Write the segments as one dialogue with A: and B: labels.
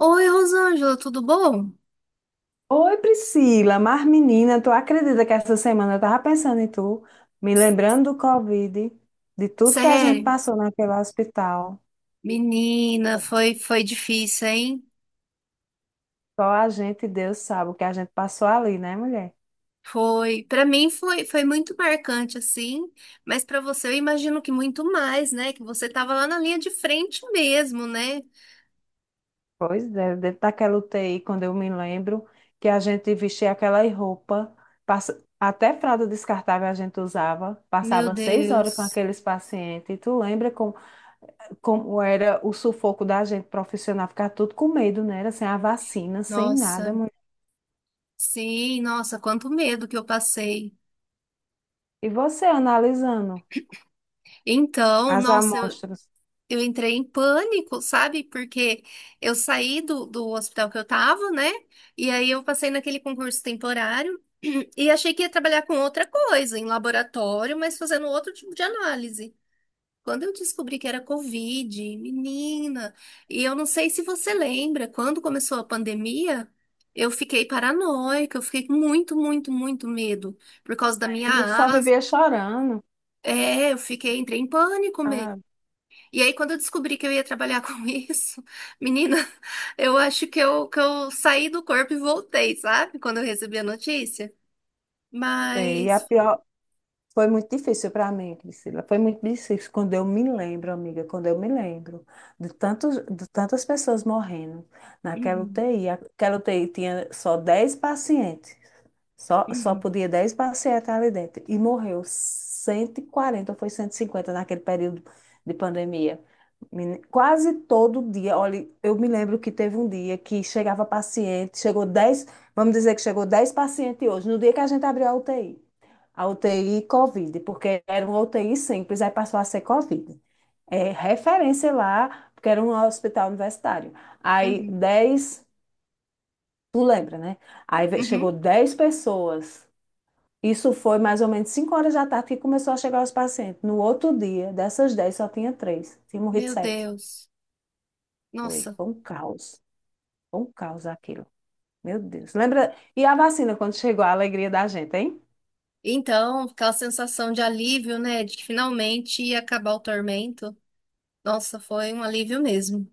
A: Oi, Rosângela, tudo bom?
B: Oi, Priscila, mas menina, tu acredita que essa semana eu tava pensando em tu, me lembrando do Covid, de tudo que a gente
A: Sério?
B: passou naquele hospital.
A: Menina, foi difícil, hein?
B: Só a gente e Deus sabe o que a gente passou ali, né, mulher?
A: Foi, para mim foi muito marcante assim, mas para você eu imagino que muito mais, né? Que você tava lá na linha de frente mesmo, né?
B: Pois é, dentro daquela UTI, quando eu me lembro que a gente vestia aquela roupa, até fralda descartável a gente usava,
A: Meu
B: passava 6 horas com
A: Deus.
B: aqueles pacientes. E tu lembra como, como era o sufoco da gente profissional, ficar tudo com medo, né? Era sem a vacina, sem nada.
A: Nossa. Sim, nossa, quanto medo que eu passei.
B: E você analisando
A: Então,
B: as
A: nossa, eu.
B: amostras?
A: Eu entrei em pânico, sabe? Porque eu saí do hospital que eu tava, né? E aí eu passei naquele concurso temporário. E achei que ia trabalhar com outra coisa, em laboratório, mas fazendo outro tipo de análise. Quando eu descobri que era Covid, menina, e eu não sei se você lembra, quando começou a pandemia, eu fiquei paranoica, eu fiquei com muito, muito, muito medo por causa da minha
B: Lembro, tu só
A: asma.
B: vivia chorando.
A: É, eu fiquei, entrei em pânico mesmo.
B: Ah,
A: E aí, quando eu descobri que eu ia trabalhar com isso, menina, eu acho que eu saí do corpo e voltei, sabe? Quando eu recebi a notícia.
B: sei. E a
A: Mas.
B: pior foi muito difícil para mim, Priscila. Foi muito difícil quando eu me lembro, amiga, quando eu me lembro de tantos, de tantas pessoas morrendo naquela
A: Uhum.
B: UTI. Aquela UTI tinha só 10 pacientes. Só
A: Uhum,
B: podia 10 pacientes ali dentro. E morreu 140, ou foi 150 naquele período de pandemia. Quase todo dia. Olha, eu me lembro que teve um dia que chegava paciente, chegou 10, vamos dizer que chegou 10 pacientes hoje, no dia que a gente abriu a UTI. A UTI Covid, porque era uma UTI simples, aí passou a ser Covid. É referência lá, porque era um hospital universitário. Aí
A: uhum,
B: dez tu lembra, né? Aí
A: uhum.
B: chegou 10 pessoas. Isso foi mais ou menos 5 horas da tarde que começou a chegar os pacientes. No outro dia, dessas 10 só tinha três. Tinha morrido
A: Meu
B: 7.
A: Deus.
B: Foi,
A: Nossa.
B: foi um caos. Foi um caos aquilo. Meu Deus. Lembra? E a vacina, quando chegou, a alegria da gente, hein?
A: Então, aquela sensação de alívio, né? De que finalmente ia acabar o tormento. Nossa, foi um alívio mesmo.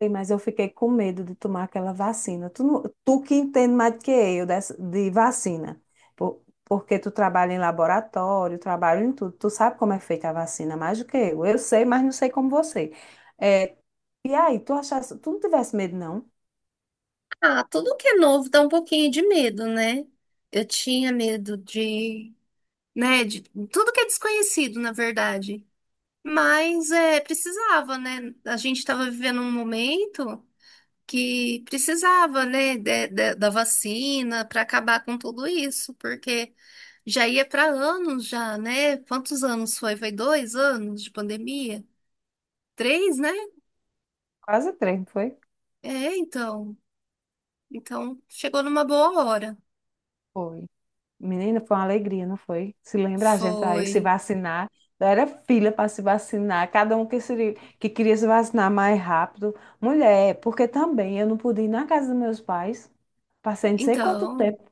B: Ei, mas eu fiquei com medo de tomar aquela vacina. Tu, tu que entende mais do que eu dessa, de vacina. Porque tu trabalha em laboratório, trabalha em tudo. Tu sabe como é feita a vacina mais do que eu. Eu sei, mas não sei como você. É, e aí, tu achasse, tu não tivesse medo, não?
A: Ah, tudo que é novo dá um pouquinho de medo, né? Eu tinha medo de, né, de tudo que é desconhecido, na verdade. Mas é, precisava, né? A gente estava vivendo um momento que precisava, né, da vacina para acabar com tudo isso, porque já ia para anos já, né? Quantos anos foi? Foi dois anos de pandemia? Três, né?
B: Quase três, não foi?
A: É, então. Então, chegou numa boa hora.
B: Foi. Menina, foi uma alegria, não foi? Se lembra a gente aí se
A: Foi.
B: vacinar? Era fila para se vacinar, cada um que, se, que queria se vacinar mais rápido. Mulher, porque também eu não pude ir na casa dos meus pais. Passei não sei quanto
A: Então.
B: tempo.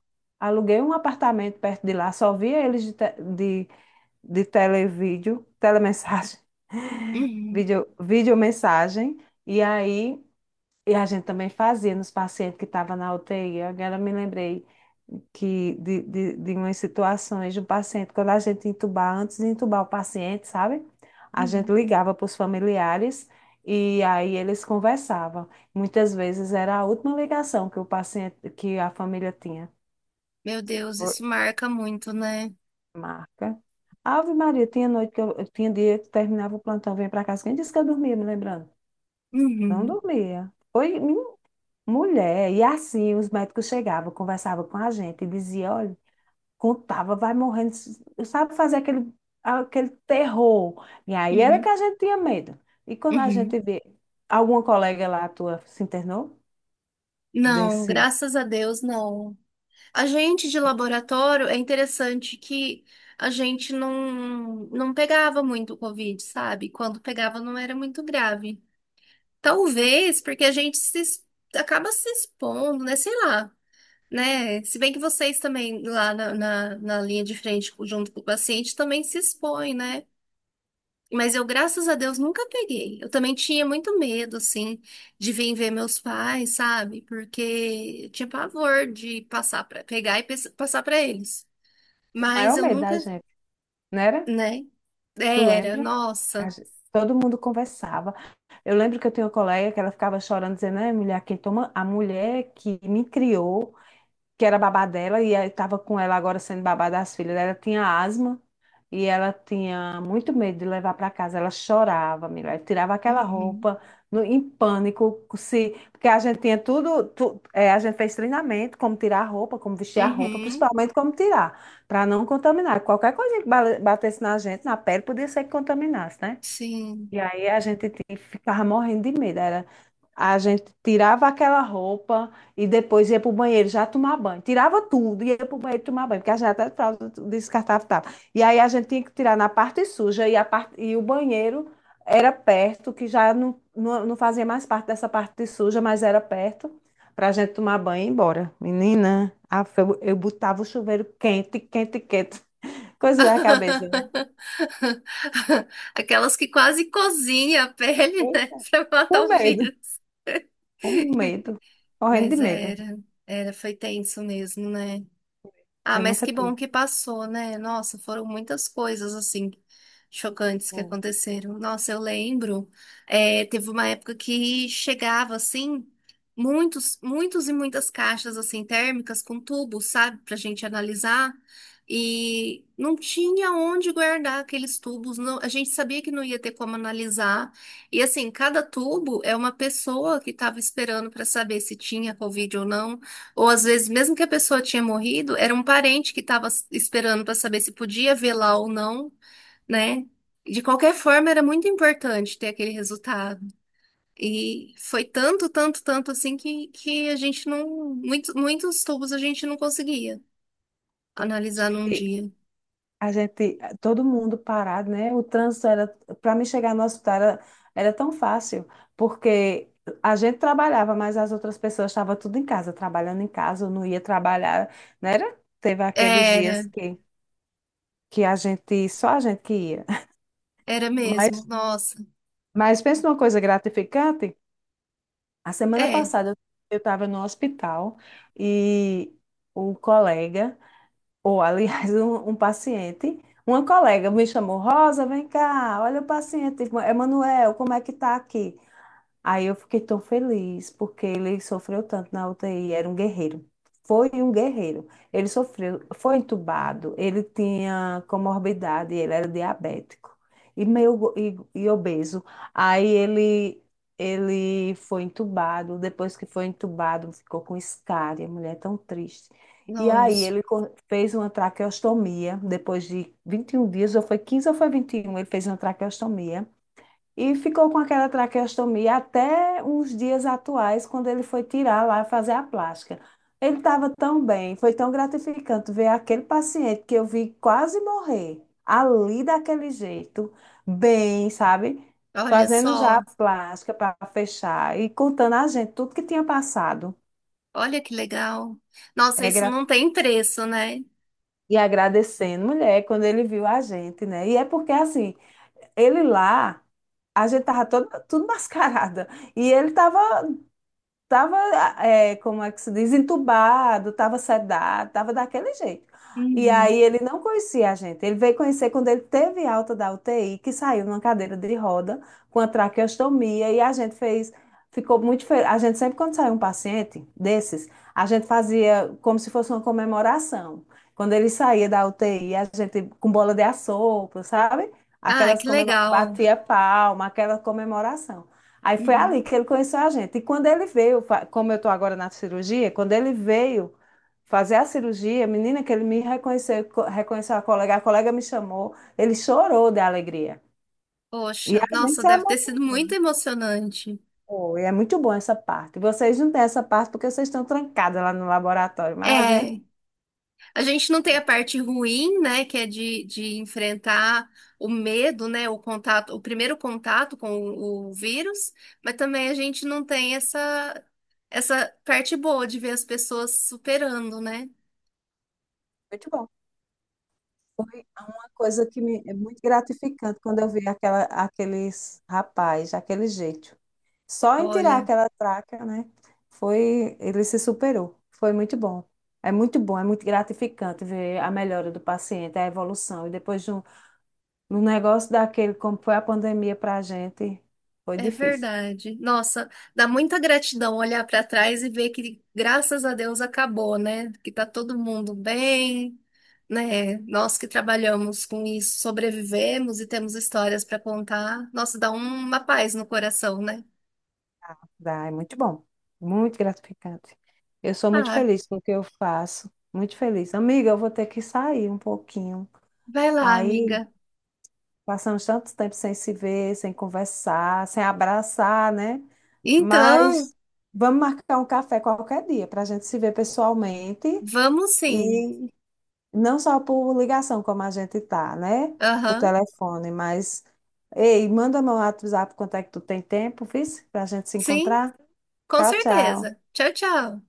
B: Aluguei um apartamento perto de lá, só via eles de televídeo, telemessagem,
A: Uhum,
B: vídeo, videomessagem. E aí E a gente também fazia nos pacientes que estavam na UTI. Agora eu me lembrei que de umas situações de um paciente, quando a gente entubar, antes de entubar o paciente, sabe? A gente
A: uhum.
B: ligava para os familiares e aí eles conversavam. Muitas vezes era a última ligação que o paciente, que a família tinha.
A: Meu Deus,
B: Foi.
A: isso marca muito, né?
B: Marca. Ave Maria, tinha noite que eu, tinha dia que terminava o plantão, vinha para casa. Quem disse que eu dormia, me lembrando? Não
A: Uhum,
B: dormia. Foi. Mulher, e assim os médicos chegavam, conversavam com a gente e diziam, olha, contava, vai morrendo, sabe fazer aquele, aquele terror. E aí era que
A: uhum,
B: a gente tinha medo. E quando a gente
A: uhum.
B: vê, alguma colega lá tua se internou
A: Não,
B: desse,
A: graças a Deus, não. A gente de laboratório, é interessante que a gente não pegava muito o Covid, sabe? Quando pegava, não era muito grave. Talvez porque a gente se, es- acaba se expondo, né? Sei lá, né? Se bem que vocês também, lá na linha de frente, junto com o paciente, também se expõem, né? Mas eu, graças a Deus, nunca peguei. Eu também tinha muito medo, assim, de vir ver meus pais, sabe? Porque eu tinha pavor de passar para pegar e passar para eles.
B: o
A: Mas
B: maior
A: eu
B: medo da
A: nunca,
B: gente, não era?
A: né?
B: Tu
A: Era,
B: lembra?
A: nossa.
B: Todo mundo conversava. Eu lembro que eu tinha uma colega que ela ficava chorando, dizendo, né mulher, quem toma, a mulher que me criou, que era babá dela, e estava com ela agora sendo babá das filhas. Ela tinha asma e ela tinha muito medo de levar para casa. Ela chorava, mulher, tirava aquela
A: Uhum.
B: roupa no, em pânico, se, porque a gente tinha tudo, é, a gente fez treinamento, como tirar a roupa, como vestir a roupa,
A: Uhum.
B: principalmente como tirar, para não contaminar. Qualquer coisa que batesse na gente, na pele, podia ser que contaminasse, né?
A: Sim.
B: E aí a gente ficava morrendo de medo. Era, a gente tirava aquela roupa e depois ia para o banheiro já tomar banho. Tirava tudo e ia para o banheiro tomar banho, porque a gente até fralda descartava e tal. E aí a gente tinha que tirar na parte suja e, a parte, e o banheiro era perto, que já não fazia mais parte dessa parte suja, mas era perto para a gente tomar banho e ir embora. Menina, eu botava o chuveiro quente, quente, quente. Coisa da cabeça, né?
A: Aquelas que quase cozinha a pele, né?
B: Eita,
A: Pra matar
B: com
A: o
B: medo.
A: vírus.
B: Com medo, morrendo de
A: Mas
B: medo.
A: era, foi tenso mesmo, né? Ah,
B: Eu
A: mas
B: nunca
A: que bom
B: tive.
A: que passou, né? Nossa, foram muitas coisas assim chocantes que
B: Bom,
A: aconteceram. Nossa, eu lembro, é, teve uma época que chegava assim muitos, muitos e muitas caixas assim térmicas com tubos, sabe, pra gente analisar. E não tinha onde guardar aqueles tubos. A gente sabia que não ia ter como analisar. E assim, cada tubo é uma pessoa que estava esperando para saber se tinha Covid ou não. Ou às vezes, mesmo que a pessoa tinha morrido, era um parente que estava esperando para saber se podia velar ou não, né? De qualquer forma, era muito importante ter aquele resultado. E foi tanto, tanto, tanto assim que a gente não. Muitos, muitos tubos a gente não conseguia analisar num
B: gente-
A: dia.
B: a gente, todo mundo parado, né? O trânsito era, para mim chegar no hospital era, era tão fácil, porque a gente trabalhava, mas as outras pessoas estavam tudo em casa, trabalhando em casa, ou não ia trabalhar, né? Era? Teve aqueles
A: Era,
B: dias que a gente, só a gente que ia.
A: era mesmo.
B: Mas,
A: Nossa,
B: mas pensa numa coisa gratificante. A semana
A: é,
B: passada eu estava no hospital e um colega, ou, aliás, um paciente, uma colega me chamou, Rosa, vem cá, olha o paciente, Emanuel, como é que tá aqui? Aí eu fiquei tão feliz, porque ele sofreu tanto na UTI, era um guerreiro. Foi um guerreiro. Ele sofreu, foi entubado, ele tinha comorbidade, ele era diabético e meio e obeso. Aí ele foi entubado, depois que foi entubado, ficou com escária, mulher, tão triste. E aí
A: nossa.
B: ele fez uma traqueostomia, depois de 21 dias, ou foi 15 ou foi 21, ele fez uma traqueostomia. E ficou com aquela traqueostomia até uns dias atuais, quando ele foi tirar lá fazer a plástica. Ele estava tão bem, foi tão gratificante ver aquele paciente que eu vi quase morrer, ali daquele jeito, bem, sabe?
A: Olha
B: Fazendo já a
A: só,
B: plástica para fechar e contando a gente tudo que tinha passado.
A: olha que legal. Nossa,
B: É
A: isso
B: gra-
A: não tem preço, né?
B: E agradecendo, mulher, quando ele viu a gente, né? E é porque, assim, ele lá, a gente tava toda, tudo mascarada. E ele tava. Tava, é, como é que se diz, entubado, tava sedado, tava daquele jeito. E
A: Uhum.
B: aí ele não conhecia a gente. Ele veio conhecer quando ele teve alta da UTI, que saiu numa cadeira de roda com a traqueostomia e a gente fez, ficou muito feliz. A gente sempre quando saiu um paciente desses, a gente fazia como se fosse uma comemoração. Quando ele saía da UTI, a gente com bola de assopro, sabe?
A: Ah,
B: Aquelas
A: que
B: comemora...
A: legal.
B: batia palma, aquela comemoração. Aí foi
A: Uhum.
B: ali que ele conheceu a gente. E quando ele veio, como eu estou agora na cirurgia, quando ele veio fazer a cirurgia, menina, que ele me reconheceu, reconheceu a colega me chamou, ele chorou de alegria. E
A: Poxa,
B: a gente
A: nossa,
B: se
A: deve ter sido
B: emocionou,
A: muito emocionante.
B: e é muito bom essa parte. Vocês não têm essa parte porque vocês estão trancadas lá no laboratório, mas a gente,
A: É, a gente não tem a
B: é
A: parte ruim, né, que é de enfrentar o medo, né, o contato, o primeiro contato com o vírus, mas também a gente não tem essa parte boa de ver as pessoas superando, né?
B: muito bom. Coisa que me, é muito gratificante quando eu vejo aquela, aqueles rapaz, aquele jeito. Só em tirar
A: Olha.
B: aquela traca, né? Foi, ele se superou. Foi muito bom. É muito bom, é muito gratificante ver a melhora do paciente, a evolução. E depois de um, no negócio daquele, como foi a pandemia para a gente, foi
A: É
B: difícil.
A: verdade. Nossa, dá muita gratidão olhar para trás e ver que, graças a Deus, acabou, né? Que tá todo mundo bem, né? Nós que trabalhamos com isso, sobrevivemos e temos histórias para contar. Nossa, dá uma paz no coração, né?
B: Dá, é muito bom, muito gratificante. Eu sou muito
A: Ah,
B: feliz com o que eu faço, muito feliz. Amiga, eu vou ter que sair um pouquinho.
A: vai lá,
B: Aí,
A: amiga.
B: passamos tanto tempo sem se ver, sem conversar, sem abraçar, né?
A: Então,
B: Mas vamos marcar um café qualquer dia para a gente se ver pessoalmente
A: vamos sim.
B: e não só por ligação, como a gente tá, né? Por
A: Aham,
B: telefone, mas. Ei, manda meu WhatsApp quanto é que tu tem tempo, viu? Para a gente se
A: sim,
B: encontrar.
A: com
B: Tchau,
A: certeza.
B: tchau.
A: Tchau, tchau.